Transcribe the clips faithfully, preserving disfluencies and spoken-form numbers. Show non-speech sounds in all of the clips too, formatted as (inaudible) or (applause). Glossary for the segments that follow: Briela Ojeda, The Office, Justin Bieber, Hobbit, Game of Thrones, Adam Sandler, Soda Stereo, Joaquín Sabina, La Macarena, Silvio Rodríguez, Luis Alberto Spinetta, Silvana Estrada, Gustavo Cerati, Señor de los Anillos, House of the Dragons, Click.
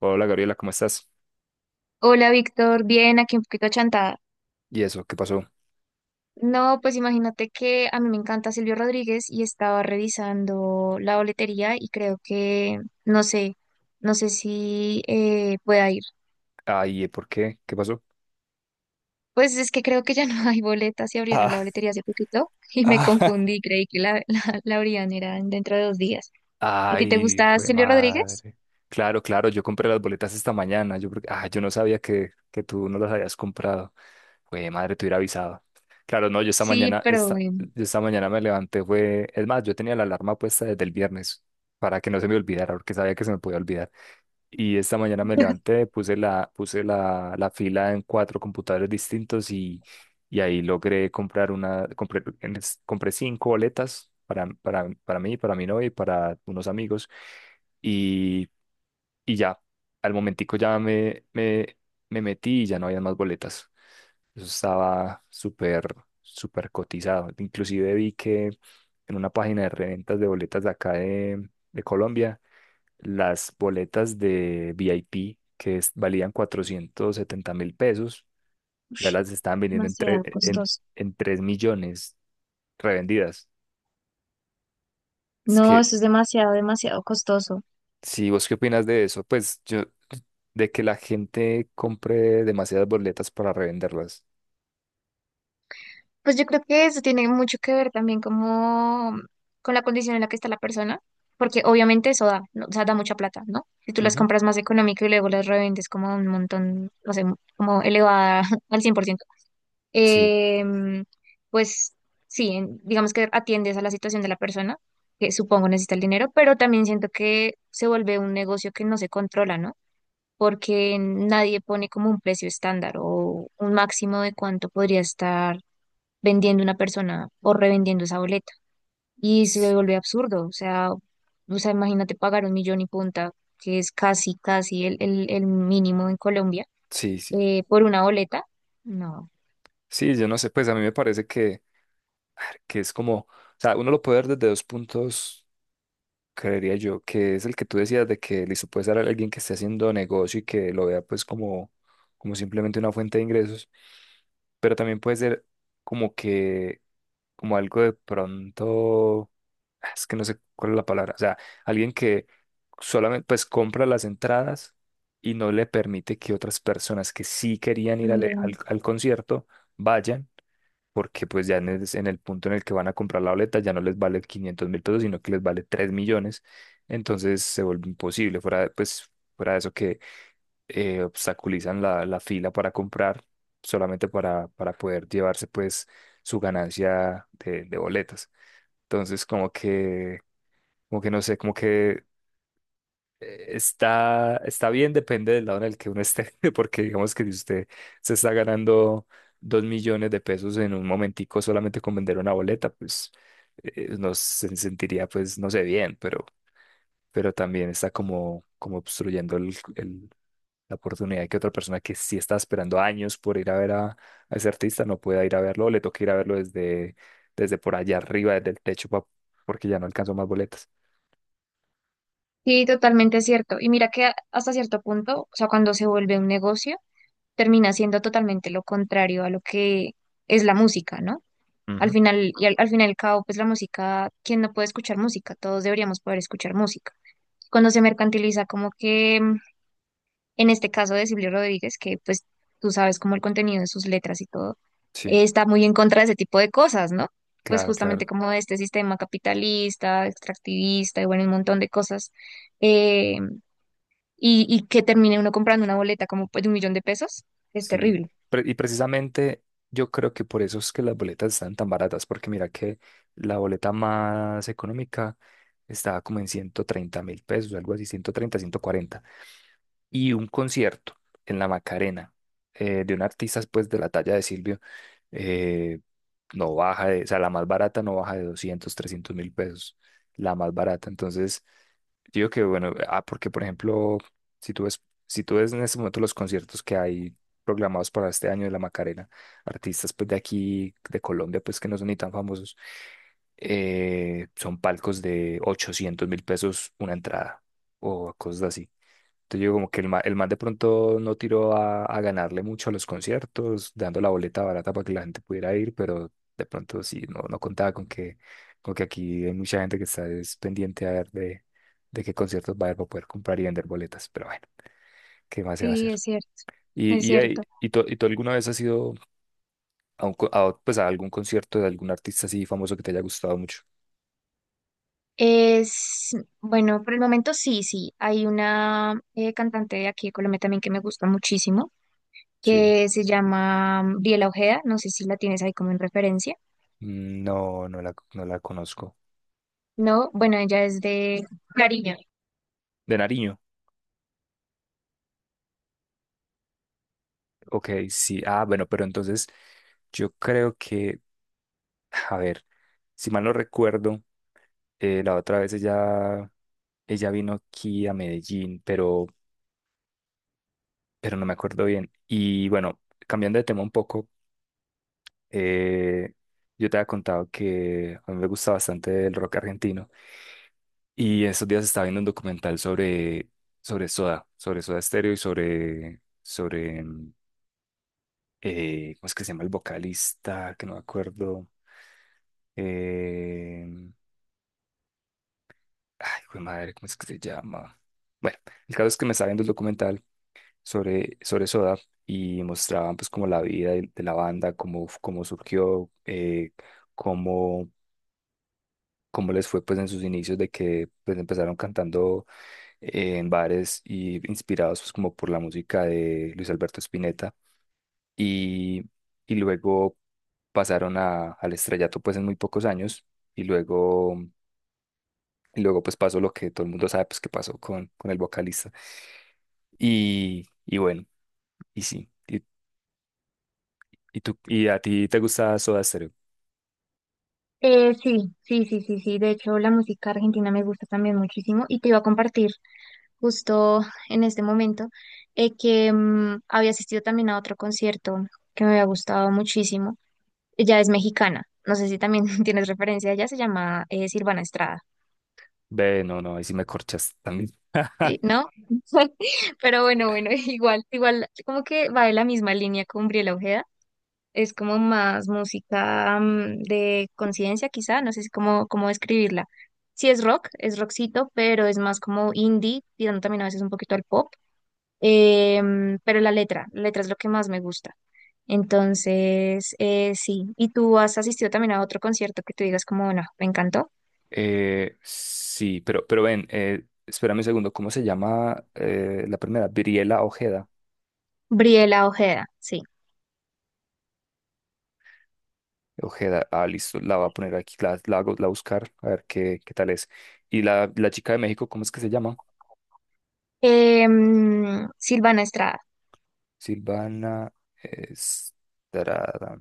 Hola Gabriela, ¿cómo estás? Hola Víctor, bien, aquí un poquito achantada. ¿Y eso? ¿Qué pasó? No, pues imagínate que a mí me encanta Silvio Rodríguez y estaba revisando la boletería y creo que, no sé, no sé si eh, pueda ir. Ay, ¿por qué? ¿Qué pasó? Pues es que creo que ya no (laughs) hay boletas y abrieron la Ah, boletería hace poquito (laughs) y me ah, (laughs) confundí, creí que la, la, la abrían era dentro de dos días. ¿A ti te ay, gusta hijo de Silvio Rodríguez? madre. Claro, claro, yo compré las boletas esta mañana. Yo, creo que- ah, yo no sabía que, que tú no las habías comprado. Güey, madre, te hubiera avisado. Claro, no, yo esta Sí, mañana, pero esta, eh, yo esta mañana me levanté, fue, es más, yo tenía la alarma puesta desde el viernes para que no se me olvidara, porque sabía que se me podía olvidar. Y esta mañana me levanté, puse la, puse la, la fila en cuatro computadores distintos y, y ahí logré comprar una, compré, en es- compré cinco boletas para, para, para mí, para mi novia y para unos amigos. Y, y ya, al momentico ya me, me, me metí y ya no había más boletas. Eso estaba súper, súper cotizado. Inclusive vi que en una página de reventas de boletas de acá de, de Colombia las boletas de V I P que es- valían cuatrocientos setenta mil pesos, ya las estaban vendiendo en, demasiado tre- en, costoso. en tres millones revendidas. Es No, que, eso es demasiado, demasiado costoso. si vos qué opinas de eso, pues yo, de que la gente compre demasiadas boletas para revenderlas. Pues yo creo que eso tiene mucho que ver también como con la condición en la que está la persona, porque obviamente eso da, ¿no? O sea, da mucha plata, ¿no? Si tú las Ujú. compras más económico y luego las revendes como a un montón, no sé, como elevada (laughs) al cien por ciento, Sí, em, pues sí, en- digamos que atiendes a la situación de la persona, que supongo necesita el dinero, pero también siento que se vuelve un negocio que no se controla, ¿no? Porque nadie pone como un precio estándar o un máximo de cuánto podría estar vendiendo una persona o revendiendo esa boleta. Y se s- vuelve absurdo, o sea, o sea, imagínate pagar un millón y punta, que es casi, casi el, el, el mínimo en Colombia, sí, sí. eh, por una boleta. No. Sí, yo no sé, pues a mí me parece que, ah, que es como, o sea, uno lo puede ver desde dos puntos creería yo, que es el que tú decías de que listo, puede ser alguien que esté haciendo negocio y que lo vea pues como, como simplemente una fuente de ingresos, pero también puede ser como que, como algo de pronto, ah, es que no sé cuál es la palabra, o sea, alguien que solamente pues compra las entradas y no le permite que otras personas que sí querían ir al, al También. al concierto vayan porque pues ya en el, en el punto en el que van a comprar la boleta ya no les vale quinientos mil pesos, sino que les vale tres millones, entonces se vuelve imposible, fuera, de- pues, fuera de eso que eh, obstaculizan la, la fila para comprar solamente para, para poder llevarse pues su ganancia de, de boletas. Entonces como que, como que no sé, como que eh, Está, está bien, depende del lado en el que uno esté, (laughs) porque digamos que si usted se está ganando dos millones de pesos en un momentico solamente con vender una boleta, pues eh, no se sentiría, pues, no sé, bien, pero, pero también está como, como obstruyendo el, el- la oportunidad que otra persona que sí está esperando años por ir a ver a, a ese artista no pueda ir a verlo, o le toca ir a verlo desde, desde por allá arriba, desde el techo, pa- porque ya no alcanzó más boletas. Sí, totalmente cierto. Y mira que a- hasta cierto punto, o sea, cuando se vuelve un negocio, termina siendo totalmente lo contrario a lo que es la música, ¿no? Al Ujú. final, y al, al final y al cabo, pues la música, ¿quién no puede escuchar música? Todos deberíamos poder escuchar música. Cuando se mercantiliza, como que en este caso de Silvio Rodríguez, que pues tú sabes como el contenido de sus letras y todo, Sí, eh, está muy en contra de ese tipo de cosas, ¿no? Pues claro, justamente claro. como de este sistema capitalista, extractivista y bueno, un montón de cosas. eh, y, y que termine uno comprando una boleta como pues, de un millón de pesos, es Sí, terrible. pre- y precisamente yo creo que por eso es que las boletas están tan baratas, porque mira que la boleta más económica estaba como en ciento treinta mil pesos, algo así, ciento treinta, ciento cuarenta y un concierto en la Macarena eh, de un artista pues de la talla de Silvio eh, no baja de, o sea, la más barata no baja de doscientos trescientos mil pesos, la más barata. Entonces, digo que bueno, ah, porque por ejemplo, si tú ves, si tú ves en este momento los conciertos que hay programados para este año de la Macarena, artistas pues de aquí, de Colombia, pues que no son ni tan famosos, eh, son palcos de ochocientos mil pesos una entrada o cosas así. Entonces yo digo como que el man, el man de pronto no tiró a, a ganarle mucho a los conciertos, dando la boleta barata para que la gente pudiera ir, pero de pronto sí, no, no contaba con que, con que aquí hay mucha gente que está es pendiente a ver de, de qué conciertos va a haber para poder comprar y vender boletas, pero bueno, ¿qué más se va a Sí, hacer? es cierto, es ¿Y, y, ahí- cierto. y, tú, y tú alguna vez has ido a, un co- a, pues a algún concierto de algún artista así famoso que te haya gustado mucho? Es, bueno, por el momento sí, sí. Hay una eh, cantante de aquí de Colombia también que me gusta muchísimo Sí. que se llama mm, Briela Ojeda, no sé si la tienes ahí como en referencia. Mm, no, no la, no la conozco. No, bueno, ella es de Cariño. De Nariño. Ok, sí. Ah, bueno, pero entonces yo creo que, a ver, si mal no recuerdo, eh, la otra vez ella, ella vino aquí a Medellín, pero, pero no me acuerdo bien. Y bueno, cambiando de tema un poco, eh, yo te había contado que a mí me gusta bastante el rock argentino. Y estos días estaba viendo un documental sobre, sobre Soda, sobre Soda Stereo y sobre, sobre, mm, eh, ¿cómo es que se llama el vocalista? Que no me acuerdo. Eh, ay, hijo de madre, ¿cómo es que se llama? Bueno, el caso es que me estaba viendo el documental sobre, sobre Soda y mostraban pues como la vida de, de la banda, cómo, cómo surgió, eh, cómo, cómo les fue pues en sus inicios de que pues empezaron cantando eh, en bares y inspirados pues como por la música de Luis Alberto Spinetta y, y luego pasaron a, al estrellato pues en muy pocos años y luego Y luego pues pasó lo que todo el mundo sabe, pues que pasó con, con el vocalista. Y, y bueno, y sí. ¿Y, y tú, y a ti te gusta Soda Stereo? Eh, sí, sí, sí, sí, sí. De hecho, la música argentina me gusta también muchísimo y te iba a compartir justo en este momento eh, que mm, había asistido también a otro concierto que me había gustado muchísimo. Ella es mexicana, no sé si también (laughs) tienes referencia, ella se llama eh, Silvana Estrada, Ve, no, no, ahí sí me corchas también. (laughs) ¿sí? ¿No? (laughs) Pero bueno, bueno, (laughs) igual, igual, como que va de la misma línea con Briela Ojeda. Es como más música mm, de conciencia, quizá, no sé si cómo, cómo describirla. Sí es rock, es rockcito, pero es más como indie, tirando también a veces un poquito al pop. Em, pero la letra, la letra es lo que más me gusta. Entonces, eh, sí. ¿Y tú has asistido también a otro concierto que tú digas como, bueno, me encantó? Eh, sí, pero, pero ven, eh, espérame un segundo, ¿cómo se llama eh, la primera? Briela Ojeda. Briela Ojeda, sí. Ojeda, ah, listo, la voy a poner aquí, la, la, hago- la voy a buscar, a ver qué, qué tal es. Y la, la chica de México, ¿cómo es que se llama? Em, Silvana Estrada. Silvana Estrada.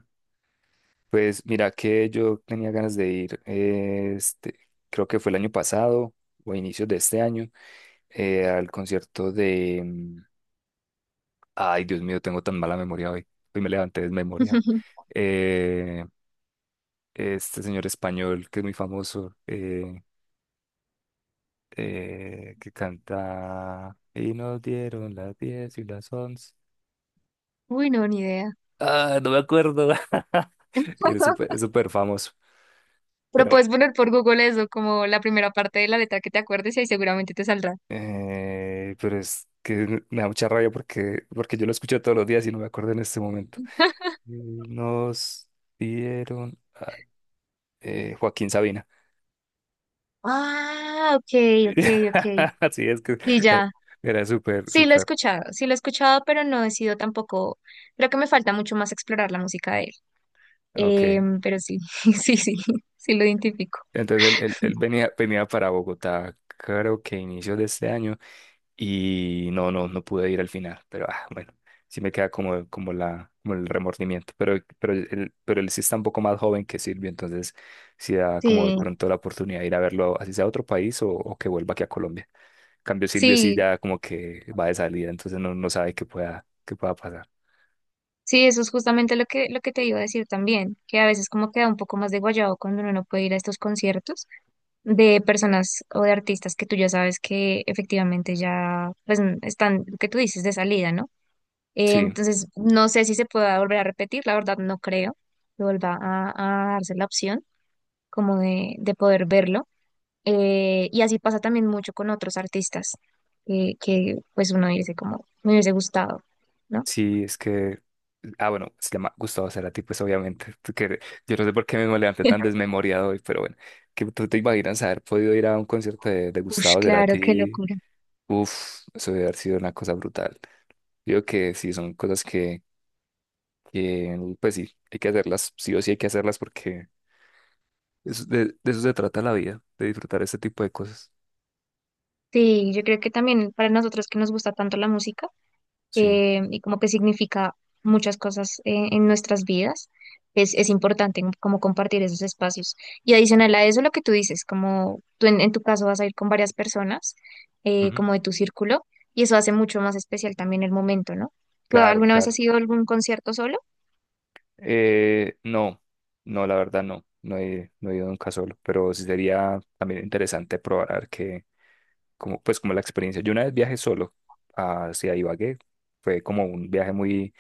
Pues mira que yo tenía ganas de ir, eh, este, creo que fue el año pasado o inicios de este año, eh, al concierto de... mm, ay, Dios mío, tengo tan mala memoria hoy. Hoy me levanté desmemoriado. (laughs) Eh, este señor español que es muy famoso, eh, eh, que canta... Y nos dieron las diez y las once. Uy, no, ni idea. Ah, no me acuerdo. (laughs) Es súper, (laughs) es súper famoso. Pero Pero puedes poner por Google eso, como la primera parte de la letra que te acuerdes y ahí seguramente te saldrá. Eh, pero es que me da mucha rabia porque, porque yo lo escucho todos los días y no me acuerdo en este momento. Eh, Nos dieron ay, eh, Joaquín Sabina. Ah, ok, ok, ok. (laughs) Así es que Y era, ya. era súper, Sí lo he súper. escuchado, sí lo he escuchado, pero no he sido tampoco. Creo que me falta mucho más explorar la música de él. Ok. Em, pero sí, (laughs) sí, sí, sí lo identifico. Entonces él, él- él venía, venía para Bogotá, creo que inicios de este año. Y no, no, no pude ir al final, pero ah, bueno, sí me queda como, como, la, como el remordimiento, pero, pero, él, pero él sí está un poco más joven que Silvio, entonces sí da como de Sí, pronto la oportunidad de ir a verlo, así sea a otro país o, o que vuelva aquí a Colombia. En cambio, Silvio sí sí, ya como que va de salida, entonces no, no sabe qué pueda, qué pueda pasar. sí, eso es justamente lo que, lo que te iba a decir también, que a veces como queda un poco más de guayabo cuando uno no puede ir a estos conciertos. De personas o de artistas que tú ya sabes que efectivamente ya pues n- están, lo que tú dices, de salida, ¿no? Eh, Sí, entonces, no sé si se pueda volver a repetir, la verdad no creo que vuelva a, a darse la opción como de, de poder verlo. Eh, y así pasa también mucho con otros artistas que, que pues uno dice como, me hubiese gustado, ¿no? sí, es que, ah, bueno, se llama Gustavo Cerati, pues obviamente, (laughs) tú que, yo no sé por qué me levanté tan (laughs) desmemoriado hoy, pero bueno, que tú te imaginas haber podido ir a un concierto de, de Ush, Gustavo claro, qué Cerati. locura. Uf, eso debe haber sido una cosa brutal. Digo que sí, son cosas que, que, pues sí, hay que hacerlas, sí o sí hay que hacerlas porque es- de, de eso se trata la vida, de disfrutar este tipo de cosas. Sí, yo creo que también para nosotros que nos gusta tanto la música, Sí, eh, y como que significa muchas cosas eh, en nuestras vidas. Es, es importante como compartir esos espacios. Y adicional a eso, lo que tú dices, como tú en, en tu caso vas a ir con varias personas, eh, ujú, como de tu círculo, y eso hace mucho más especial también el momento, ¿no? ¿Tú claro, alguna vez claro. has ido a algún concierto solo? Eh, no, no, la verdad no, no he, no he ido nunca solo, pero sí sería también interesante probar a ver qué, como, pues como la experiencia. Yo una vez viajé solo hacia Ibagué, fue como un viaje muy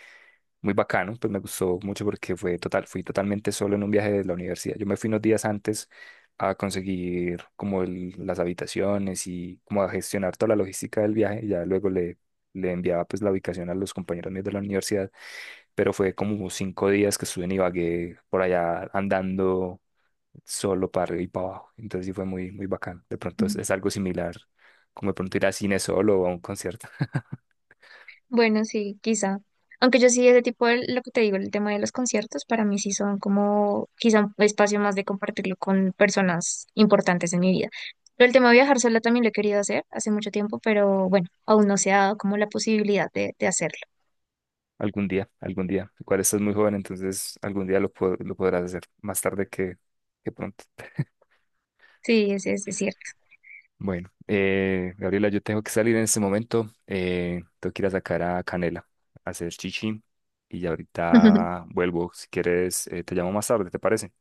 muy bacano, pues me gustó mucho porque fue total, fui totalmente solo en un viaje de la universidad. Yo me fui unos días antes a conseguir como el- las habitaciones y como a gestionar toda la logística del viaje, y ya luego le, le enviaba pues la ubicación a los compañeros míos de la universidad, pero fue como cinco días que estuve en Ibagué por allá andando solo para arriba y para abajo, entonces sí fue muy, muy bacano. De pronto es, es algo similar, como de pronto ir a cine solo o a un concierto. (laughs) Bueno, sí, quizá. Aunque yo sí, ese tipo de lo que te digo, el tema de los conciertos, para mí sí son como quizá un espacio más de compartirlo con personas importantes en mi vida. Pero el tema de viajar sola también lo he querido hacer hace mucho tiempo, pero bueno, aún no se ha dado como la posibilidad de, de hacerlo. Algún día, algún día. Igual estás muy joven, entonces algún día lo, po- lo podrás hacer, más tarde que, que pronto. (laughs) Sí, es, es, es cierto. Bueno, eh, Gabriela, yo tengo que salir en este momento. Eh, tengo que ir a sacar a Canela, a hacer chichi. Y ya ahorita (laughs) vuelvo. Si quieres, eh, te llamo más tarde, ¿te parece?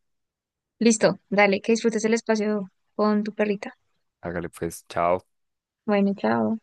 Listo, dale, que disfrutes el espacio con tu perrita. Hágale pues, chao. Bueno, chao.